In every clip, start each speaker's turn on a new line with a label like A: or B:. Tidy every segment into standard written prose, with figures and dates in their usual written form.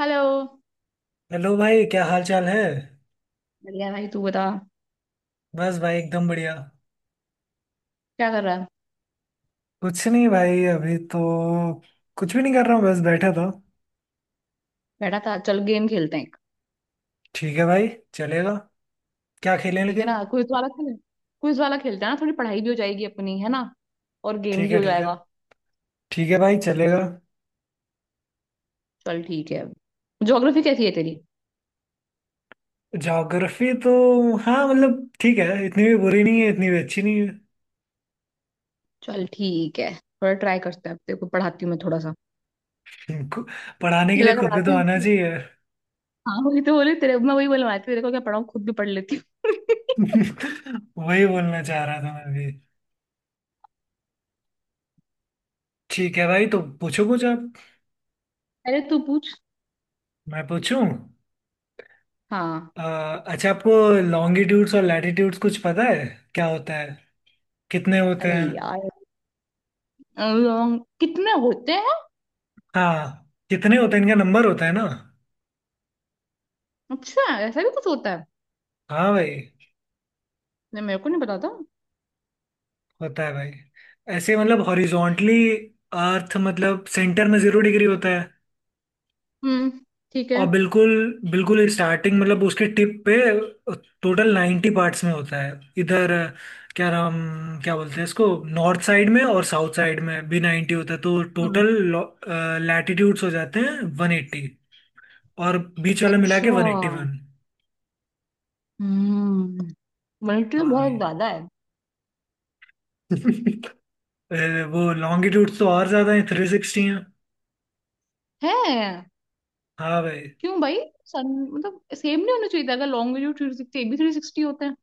A: Hello.
B: Hello भाई, क्या हाल चाल है।
A: बढ़िया भाई तू बता।
B: बस भाई, एकदम बढ़िया।
A: क्या कर रहा है।
B: कुछ नहीं भाई, अभी तो कुछ भी नहीं कर रहा हूँ, बस बैठा था।
A: बैठा था, चल गेम खेलते हैं एक।
B: ठीक है भाई, चलेगा। क्या खेलें
A: ठीक है
B: लेकिन।
A: ना, क्विज वाला खेलें। क्विज वाला खेलते हैं ना, थोड़ी पढ़ाई भी हो जाएगी अपनी, है ना। और गेम
B: ठीक
A: भी
B: है,
A: हो
B: ठीक है।
A: जाएगा।
B: ठीक है भाई, चलेगा।
A: चल ठीक है। ज्योग्राफी कैसी है तेरी।
B: ज्योग्राफी तो, हाँ मतलब ठीक है, इतनी भी बुरी नहीं है, इतनी भी अच्छी नहीं
A: चल ठीक है, थोड़ा ट्राई करते हैं, अब तेरे को पढ़ाती हूँ मैं थोड़ा सा।
B: है। को- पढ़ाने के लिए
A: लगा के
B: खुद भी तो
A: पढ़ाते
B: आना
A: हैं।
B: चाहिए।
A: हाँ वही तो बोले तेरे, मैं वही बोलवा रही थी, तेरे को क्या पढ़ाऊँ, खुद भी पढ़ लेती हूँ
B: वही बोलना चाह रहा था मैं भी। ठीक है भाई, तो पूछो कुछ आप।
A: अरे तू पूछ।
B: मैं पूछूं।
A: हाँ।
B: अ, अच्छा आपको लॉन्गिट्यूड्स और लैटिट्यूड्स कुछ पता है? क्या होता है? कितने होते
A: अरे
B: हैं?
A: यार, कितने होते हैं।
B: हाँ, कितने होते हैं, इनका नंबर होता है ना।
A: अच्छा। ऐसा भी कुछ होता है।
B: हाँ भाई।
A: नहीं, मेरे को नहीं पता था।
B: होता है भाई। ऐसे मतलब हॉरिजॉन्टली, अर्थ मतलब सेंटर में 0 डिग्री होता है।
A: हम्म, ठीक
B: और
A: है।
B: बिल्कुल बिल्कुल स्टार्टिंग मतलब उसके टिप पे टोटल 90 पार्ट्स में होता है। इधर क्या नाम, क्या बोलते हैं इसको। नॉर्थ साइड में और साउथ साइड में भी 90 होता है, तो
A: हम्म,
B: टोटल लैटिट्यूड्स हो जाते हैं 180, और बीच वाला मिला
A: अच्छा।
B: के 181।
A: हम्म। मल्टी तो बहुत
B: हाँ
A: ज्यादा है।
B: भाई। अरे, वो लॉन्गिट्यूड तो और ज्यादा है, 360 है।
A: है।
B: हाँ भाई।
A: क्यों भाई। सन मतलब सेम नहीं होना चाहिए था, अगर लॉन्ग वीडियो 360, एक भी 360 होता है।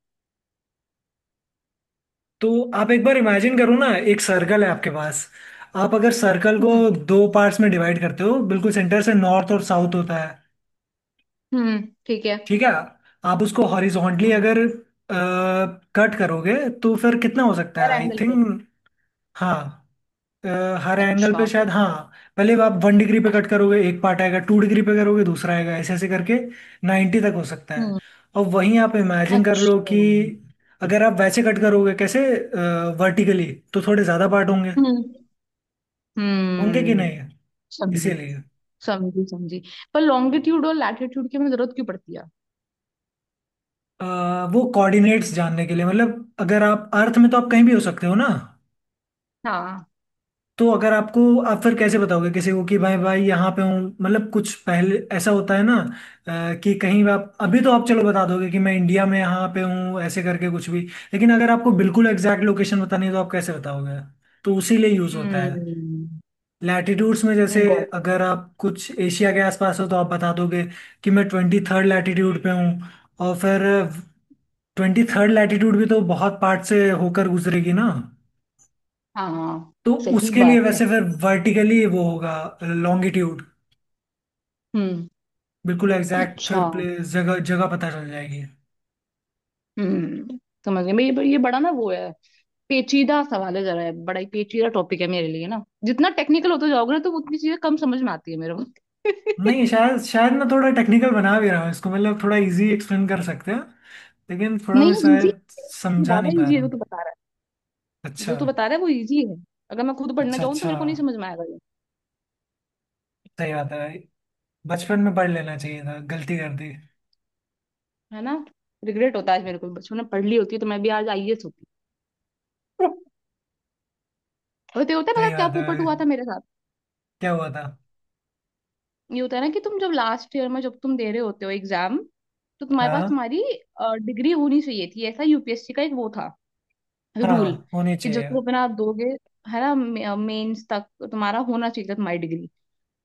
B: तो आप एक बार इमेजिन करो ना, एक सर्कल है आपके पास। आप अगर सर्कल को
A: हम्म।
B: दो पार्ट्स में डिवाइड करते हो बिल्कुल सेंटर से, नॉर्थ और साउथ होता है।
A: हम्म, ठीक है।
B: ठीक है। आप उसको हॉरिजॉन्टली
A: हम्म।
B: अगर कट करोगे तो फिर कितना हो सकता है,
A: हर
B: आई
A: एंगल पे।
B: थिंक। हाँ। अ, हर एंगल पे
A: अच्छा।
B: शायद, हाँ। पहले आप 1 डिग्री पे कट करोगे, एक पार्ट आएगा, 2 डिग्री पे करोगे दूसरा आएगा, ऐसे ऐसे करके 90 तक हो सकता है।
A: हम्म।
B: और वहीं आप इमेजिन कर लो
A: अच्छा।
B: कि अगर आप वैसे कट करोगे, कैसे, वर्टिकली, तो थोड़े ज़्यादा पार्ट होंगे।
A: हम्म,
B: होंगे कि
A: हम्म।
B: नहीं।
A: समझी।
B: इसीलिए
A: समझी, समझी। पर लॉन्गिट्यूड और लैटिट्यूड की हमें जरूरत क्यों पड़ती है।
B: अ, वो कोऑर्डिनेट्स जानने के लिए, मतलब अगर आप अर्थ में तो आप कहीं भी हो सकते हो ना।
A: हाँ।
B: तो अगर आपको, आप फिर कैसे बताओगे किसी को कि भाई भाई यहाँ पे हूँ, मतलब कुछ पहले ऐसा होता है ना। कि कहीं आप अभी तो आप चलो बता दोगे कि मैं इंडिया में यहाँ पे हूँ, ऐसे करके कुछ भी। लेकिन अगर आपको बिल्कुल एग्जैक्ट लोकेशन बतानी है तो आप कैसे बताओगे। तो उसी लिए यूज होता है।
A: हम्म।
B: लैटिट्यूड्स में जैसे
A: गॉट
B: अगर
A: इट।
B: आप कुछ एशिया के आसपास हो तो आप बता दोगे कि मैं 23वीं लैटिट्यूड पे हूँ। और फिर 23वीं लैटिट्यूड भी तो बहुत पार्ट से होकर गुजरेगी ना।
A: हाँ।
B: तो
A: सही
B: उसके लिए
A: बात है।
B: वैसे फिर वर्टिकली वो होगा लॉन्गिट्यूड।
A: हम्म।
B: बिल्कुल एग्जैक्ट
A: अच्छा।
B: फिर प्लेस जगह जगह पता चल जाएगी।
A: हम्म। समझ गए, मैं ये बड़ा ना वो है। पेचीदा सवाल है, जरा है बड़ा ही पेचीदा टॉपिक है मेरे लिए ना, जितना टेक्निकल होते जाओगे ना तो उतनी चीजें कम समझ में आती है मेरे को
B: नहीं, शायद शायद मैं थोड़ा टेक्निकल बना भी रहा हूँ इसको, मतलब थोड़ा इजी एक्सप्लेन कर सकते हैं। लेकिन थोड़ा
A: नहीं
B: मैं
A: इजी,
B: शायद
A: ये
B: समझा
A: ज्यादा
B: नहीं पा
A: इजी है
B: रहा
A: जो
B: हूँ।
A: तू बता रहा है,
B: अच्छा
A: जो तू बता रहा है वो इजी है। अगर मैं खुद पढ़ना
B: अच्छा
A: चाहूँ तो
B: अच्छा।
A: मेरे को नहीं समझ में आएगा ये।
B: सही बात है भाई, बचपन में पढ़ लेना चाहिए था, गलती कर दी।
A: है ना। रिग्रेट होता है आज मेरे को, बचपन में पढ़ ली होती है तो मैं भी आज आईएएस होती। और तो ये होता है, पता है
B: सही
A: क्या
B: बात है
A: पोपट हुआ
B: भाई,
A: था मेरे साथ।
B: क्या हुआ था।
A: ये होता है ना कि तुम जब लास्ट ईयर में जब तुम दे रहे होते हो एग्जाम, तो तुम्हारे पास
B: हाँ
A: तुम्हारी डिग्री होनी चाहिए थी, ऐसा यूपीएससी का एक वो था, रूल।
B: हाँ, होनी
A: कि जो
B: चाहिए।
A: तुम अपना दोगे, है ना, मेंस तक तुम्हारा होना चाहिए था तुम्हारी डिग्री।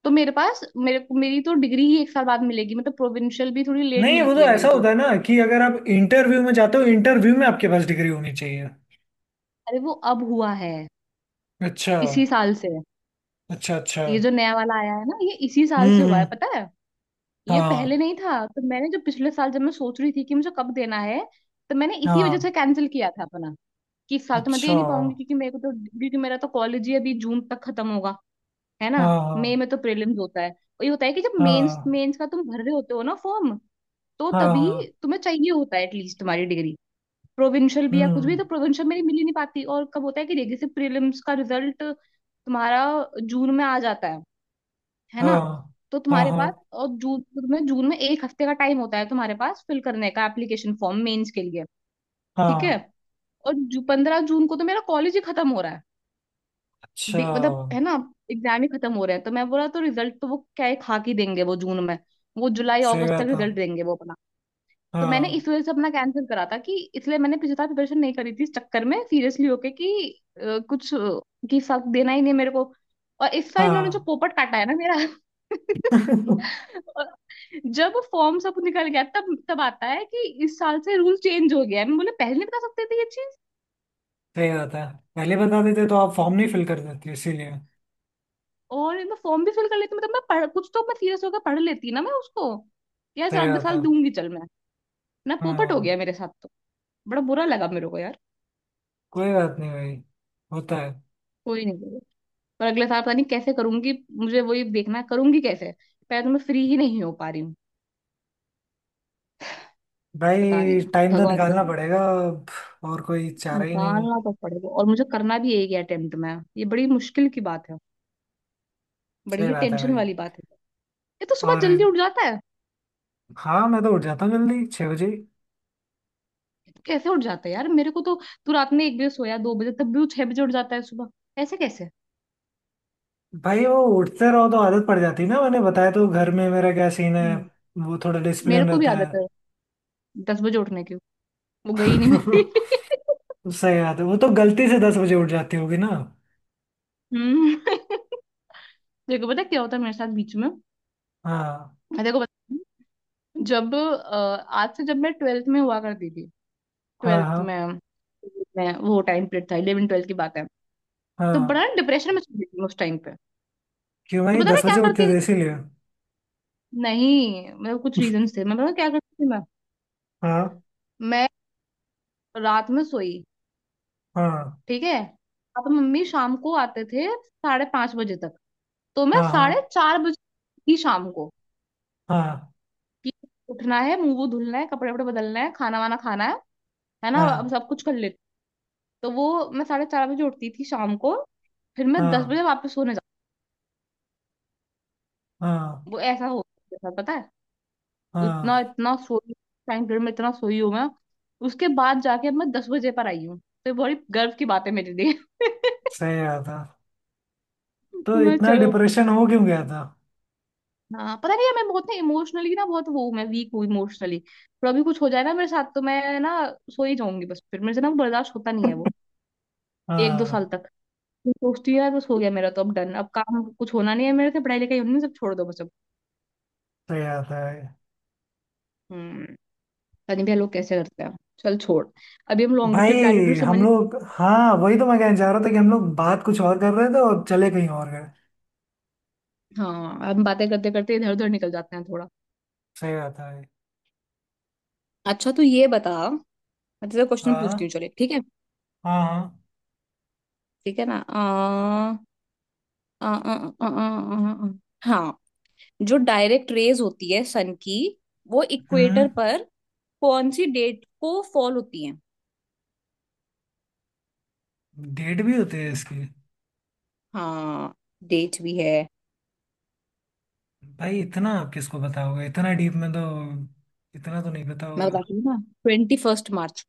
A: तो मेरे पास, मेरे को मेरी तो डिग्री ही एक साल बाद मिलेगी, मतलब प्रोविंशियल भी थोड़ी लेट
B: नहीं, वो तो
A: मिलती है
B: ऐसा
A: मेरी
B: होता
A: तो।
B: है ना कि अगर आप इंटरव्यू में जाते हो, इंटरव्यू में आपके पास डिग्री होनी चाहिए।
A: अरे वो अब हुआ है,
B: अच्छा।
A: इसी साल से।
B: अच्छा अच्छा।
A: ये जो नया वाला आया है ना, ये इसी साल से हुआ है
B: हम्म।
A: पता है। ये पहले
B: हाँ
A: नहीं था, तो मैंने जो पिछले साल जब मैं सोच रही थी कि मुझे कब देना है। तो मैंने इसी वजह
B: हाँ।
A: से कैंसिल किया था अपना, कि इस साल तो मैं दे
B: अच्छा।
A: नहीं पाऊंगी क्योंकि मेरे को तो। क्योंकि मेरा तो कॉलेज ही अभी जून तक खत्म होगा, है ना।
B: हाँ
A: मई
B: हाँ।
A: में तो प्रीलिम्स होता है, और ये होता है कि जब मेंस
B: हाँ
A: मेंस का तुम भर रहे होते हो ना फॉर्म, तो
B: हाँ।
A: तभी
B: हाँ।
A: तुम्हें चाहिए होता है एटलीस्ट तुम्हारी डिग्री। प्रोविंशियल भी या कुछ
B: हम्म।
A: भी, तो प्रोविंशियल मेरी मिल ही नहीं पाती, और कब होता है कि जैसे प्रीलिम्स का रिजल्ट तुम्हारा जून में आ जाता है ना।
B: हाँ
A: तो
B: हाँ।
A: तुम्हारे
B: हाँ
A: पास, और जून, तुम्हें जून में एक हफ्ते का टाइम होता है तुम्हारे पास फिल करने का एप्लीकेशन फॉर्म मेंस के लिए। ठीक है।
B: हाँ।
A: और 15 जून को तो मेरा कॉलेज ही खत्म हो रहा है।
B: अच्छा।
A: मतलब है ना, एग्जाम ही खत्म हो रहे हैं, तो मैं बोला, तो रिजल्ट तो वो क्या है खा के देंगे वो जून में। वो जुलाई
B: सही
A: अगस्त तक
B: बात है।
A: रिजल्ट देंगे वो अपना। तो मैंने
B: हाँ
A: इस वजह से अपना कैंसिल करा था, कि इसलिए मैंने पिछली साल प्रिपरेशन नहीं करी थी इस चक्कर में सीरियसली होके कि कुछ कि सब देना ही नहीं मेरे को। और इस साल इन्होंने जो
B: हाँ।
A: पोपट काटा है ना मेरा और जब फॉर्म सब निकल गया तब तब आता है कि इस साल से रूल चेंज हो गया है, मैं बोले पहले नहीं बता सकते थे ये।
B: सही बात है, पहले बता देते तो आप फॉर्म नहीं फिल कर देते इसीलिए।
A: और मैं फॉर्म भी फिल कर लेती, मतलब मैं पढ़, कुछ तो मैं सीरियस होकर पढ़ लेती ना मैं उसको। यार
B: सही
A: साल
B: बात
A: साल
B: है।
A: दूंगी चल मैं ना, पोपट हो
B: हाँ।
A: गया मेरे साथ तो, बड़ा बुरा लगा मेरे को यार।
B: कोई बात नहीं भाई, होता है।
A: कोई नहीं करेगा। पर अगले साल पता नहीं कैसे करूंगी। मुझे वही देखना है, करूंगी कैसे। पहले तो मैं फ्री ही नहीं हो पा रही हूँ। पता नहीं,
B: भाई टाइम तो
A: भगवान
B: निकालना
A: जाने।
B: पड़ेगा अब, और कोई चारा ही नहीं है।
A: निकालना तो पड़ेगा, और मुझे करना भी एक ही अटेम्प्ट में है। ये बड़ी मुश्किल की बात है। बड़ी
B: सही
A: ही
B: बात है
A: टेंशन
B: भाई।
A: वाली बात है। ये तो सुबह
B: और
A: जल्दी उठ जाता है।
B: हाँ, मैं तो उठ जाता हूँ जल्दी 6 बजे।
A: ये तो कैसे उठ जाता है यार, मेरे को तो। तू रात में 1 बजे सोया, 2 बजे, तब भी वो 6 बजे उठ जाता है सुबह। ऐसे कैसे।
B: भाई वो उठते रहो तो आदत पड़ जाती है ना, मैंने बताया तो घर में मेरा क्या सीन है, वो थोड़ा
A: मेरे
B: डिसिप्लिन
A: को भी
B: रहता है।
A: आदत है, 10 बजे उठने की। वो गई नहीं मेरी
B: सही बात है, वो तो गलती से 10 बजे उठ जाती होगी ना।
A: हम्म। देखो पता है क्या होता है मेरे साथ बीच में।
B: हाँ
A: मैं देखो बता। जब आज से जब मैं 12th में हुआ करती थी,
B: हाँ।
A: 12th में
B: हाँ
A: में वो टाइम पीरियड था, 11th 12th की बात है। तो
B: हाँ।
A: बड़ा डिप्रेशन में चली गई मैं उस टाइम पे।
B: क्यों
A: तो
B: भाई
A: पता है मैं
B: दस
A: क्या
B: बजे उठते
A: करती।
B: थे इसीलिए।
A: नहीं मतलब कुछ रीजन थे, मैं पता है क्या करती थी मैं।
B: हाँ
A: मैं रात में सोई,
B: हाँ।
A: ठीक है। अब मम्मी शाम को आते थे 5:30 बजे तक। तो मैं
B: हाँ
A: साढ़े
B: हाँ।
A: चार बजे थी शाम को।
B: हाँ
A: कि उठना है, मुंह वो धुलना है, कपड़े वपड़े बदलना है, खाना वाना खाना है ना, अब
B: हाँ।
A: सब कुछ कर लेते। तो वो मैं 4:30 बजे उठती थी शाम को। फिर मैं दस
B: हाँ
A: बजे वापस सोने
B: हाँ।
A: जाती, वो ऐसा हो गया था, पता है। इतना,
B: हाँ।
A: इतना सोई टाइम पीरियड में, इतना सोई हूँ मैं। उसके बाद जाके अब मैं 10 बजे पर आई हूँ, तो ये बड़ी गर्व की बात है मेरे लिए
B: सही बात है। तो
A: मैं
B: इतना
A: चलो,
B: डिप्रेशन हो क्यों गया था।
A: हाँ पता नहीं है, मैं बहुत ना इमोशनली ना बहुत वो हूँ, मैं वीक हूँ इमोशनली। पर अभी कुछ हो जाए ना मेरे साथ तो मैं ना सो ही जाऊंगी बस, फिर मेरे से ना वो बर्दाश्त होता नहीं है वो। एक दो साल
B: हाँ।
A: तक फिर सोचती हूँ, यार बस हो गया मेरा तो, अब डन, अब काम कुछ होना नहीं है मेरे से, पढ़ाई लिखाई होनी नहीं, सब छोड़ दो बस अब।
B: सही बात है
A: हम्म। पता नहीं भैया लोग कैसे करते हैं। चल छोड़। अभी हम
B: भाई।
A: लॉन्गिट्यूड लैटिट्यूड समझ।
B: हम लोग, हाँ वही तो मैं कहना चाह रहा था कि हम लोग बात कुछ और कर रहे थे और चले कहीं और गए।
A: हाँ, हम बातें करते करते इधर उधर निकल जाते हैं थोड़ा।
B: सही बात है भाई।
A: अच्छा तो ये बता, मैं तुझसे क्वेश्चन पूछती
B: हाँ
A: हूँ, चले ठीक है।
B: हाँ। हाँ।
A: ठीक है ना, आ, आ, आ, आ, आ, आ, आ, हाँ, जो डायरेक्ट रेज होती है सन की, वो
B: हम्म।
A: इक्वेटर पर कौन सी डेट को फॉल होती है।
B: डेट भी होती है इसकी?
A: हाँ, डेट भी है।
B: भाई इतना आप किसको बताओगे इतना डीप में तो, इतना तो नहीं पता
A: मैं
B: होगा।
A: बताती हूँ ना, 21 मार्च।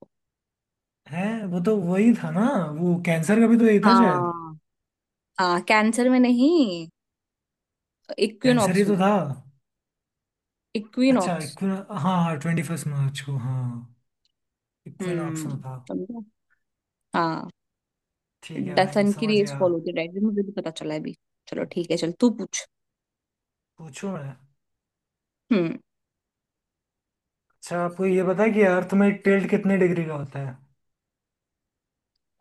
B: है, वो तो वही था ना, वो कैंसर का भी तो यही था शायद।
A: हाँ। हाँ, कैंसर में नहीं,
B: कैंसर ही
A: इक्विनॉक्स
B: तो
A: में।
B: था। अच्छा
A: इक्विनॉक्स।
B: इक्विन, हाँ हाँ 21 मार्च को, हाँ। इक्विनॉक्स
A: हम्म,
B: में था।
A: समझा। हाँ।
B: ठीक है भाई,
A: सन की
B: समझ
A: रेस
B: गया।
A: फॉलो होती है डायरेक्ट, मुझे भी पता चला है अभी। चलो ठीक है, चल तू पूछ।
B: पूछो मैं।
A: हम्म।
B: अच्छा आपको ये पता है कि अर्थ में टिल्ट कितने डिग्री का होता है?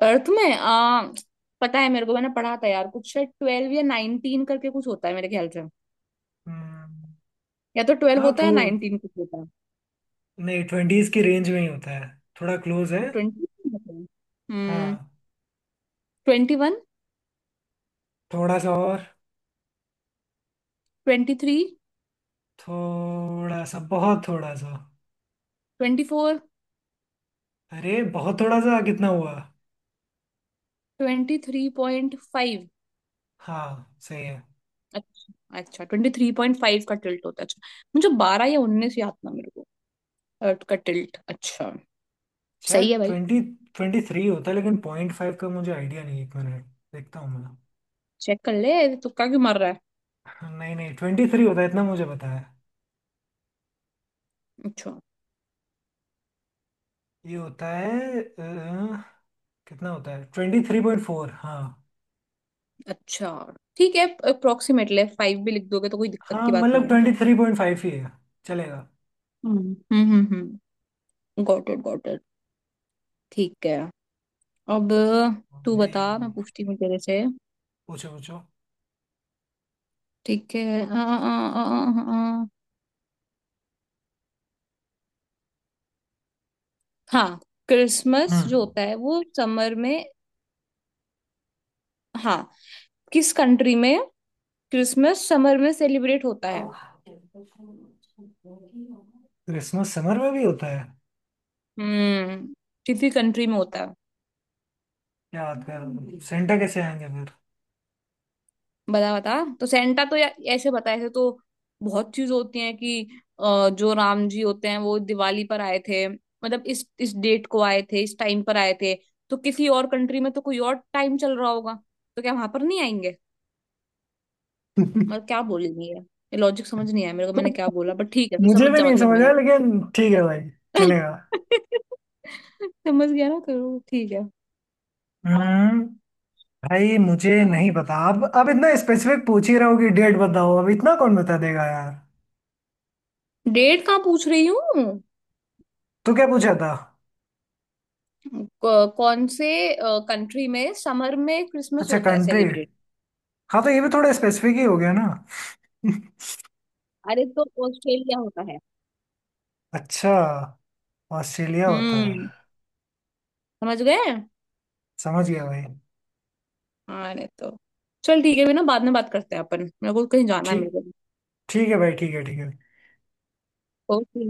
A: अर्थ में पता है मेरे को, मैंने पढ़ा था यार कुछ, शायद 12 या 19 करके कुछ होता है मेरे ख्याल से।
B: हम्म।
A: या तो 12
B: हाँ
A: होता है
B: तो
A: या 19 कुछ होता है।
B: नहीं, ट्वेंटीज की रेंज में ही होता है, थोड़ा क्लोज है।
A: या 20 होता है। हम्म।
B: हाँ।
A: 21।
B: थोड़ा सा और।
A: 23।
B: थोड़ा सा, बहुत थोड़ा सा।
A: 24।
B: अरे बहुत थोड़ा सा, कितना हुआ।
A: 23.5।
B: हाँ सही है।
A: अच्छा। अच्छा, 23.5 का टिल्ट होता है, अच्छा। मुझे 12 या 19 याद था मेरे को। का टिल्ट, अच्छा। सही
B: शायद
A: है भाई।
B: 20, 23 होता है, लेकिन पॉइंट फाइव का मुझे आइडिया नहीं है, 1 मिनट देखता हूँ।
A: चेक कर ले, तुक्का क्यों मार रहा है।
B: मैं, नहीं नहीं 23 होता है, इतना मुझे पता है।
A: अच्छा।
B: ये होता है कितना होता है, 23.4, हाँ।
A: अच्छा ठीक है, अप्रोक्सीमेटली फाइव भी लिख दोगे तो कोई दिक्कत
B: हाँ
A: की बात
B: मतलब
A: नहीं है।
B: 23.5 ही है, चलेगा।
A: हम्म, हम्म, हम्म, हम्म। Got it, got it. ठीक है। अब तू
B: अरे,
A: बता, मैं पूछती हूँ तेरे से।
B: पूछो पूछो।
A: ठीक है, आ, आ, आ, आ, आ, हाँ, क्रिसमस जो
B: हम्म।
A: होता है वो समर में। हाँ। किस कंट्री में क्रिसमस समर में सेलिब्रेट होता है।
B: क्रिसमस समर में भी होता है?
A: हम्म। किसी कंट्री में होता है।
B: क्या बात कर रहे हो? सेंटा कैसे आएंगे फिर।
A: बता, बता। तो सेंटा तो या, ऐसे बता, ऐसे तो बहुत चीज होती है कि जो राम जी होते हैं वो दिवाली पर आए थे, मतलब इस डेट को आए थे, इस टाइम पर आए थे। तो किसी और कंट्री में तो कोई और टाइम चल रहा होगा, तो क्या वहां पर नहीं आएंगे। मतलब क्या बोलेंगे, ये लॉजिक समझ नहीं आया मेरे को, मैंने क्या बोला, बट ठीक है तू
B: मुझे
A: समझ
B: भी
A: जा
B: नहीं
A: मतलब
B: समझ आया,
A: मेरा
B: लेकिन ठीक है भाई, चलेगा।
A: समझ गया ना, करो ठीक है।
B: हम्म। भाई मुझे नहीं पता, अब इतना स्पेसिफिक पूछ ही रहे हो कि डेट बताओ, अब इतना कौन बता देगा यार।
A: डेट कहाँ पूछ रही हूँ।
B: तो क्या पूछा था?
A: कौन से कंट्री में समर में क्रिसमस
B: अच्छा
A: होता है
B: कंट्री।
A: सेलिब्रेट।
B: हाँ तो ये भी थोड़ा स्पेसिफिक ही हो गया ना।
A: अरे तो ऑस्ट्रेलिया होता है।
B: अच्छा, ऑस्ट्रेलिया होता है।
A: हम्म। समझ गए।
B: समझ गया भाई।
A: अरे तो चल ठीक है भी ना, बाद में बात करते हैं अपन, मेरे को कहीं जाना है मेरे
B: ठीक,
A: को।
B: ठीक है भाई, ठीक है ठीक है।
A: ओके।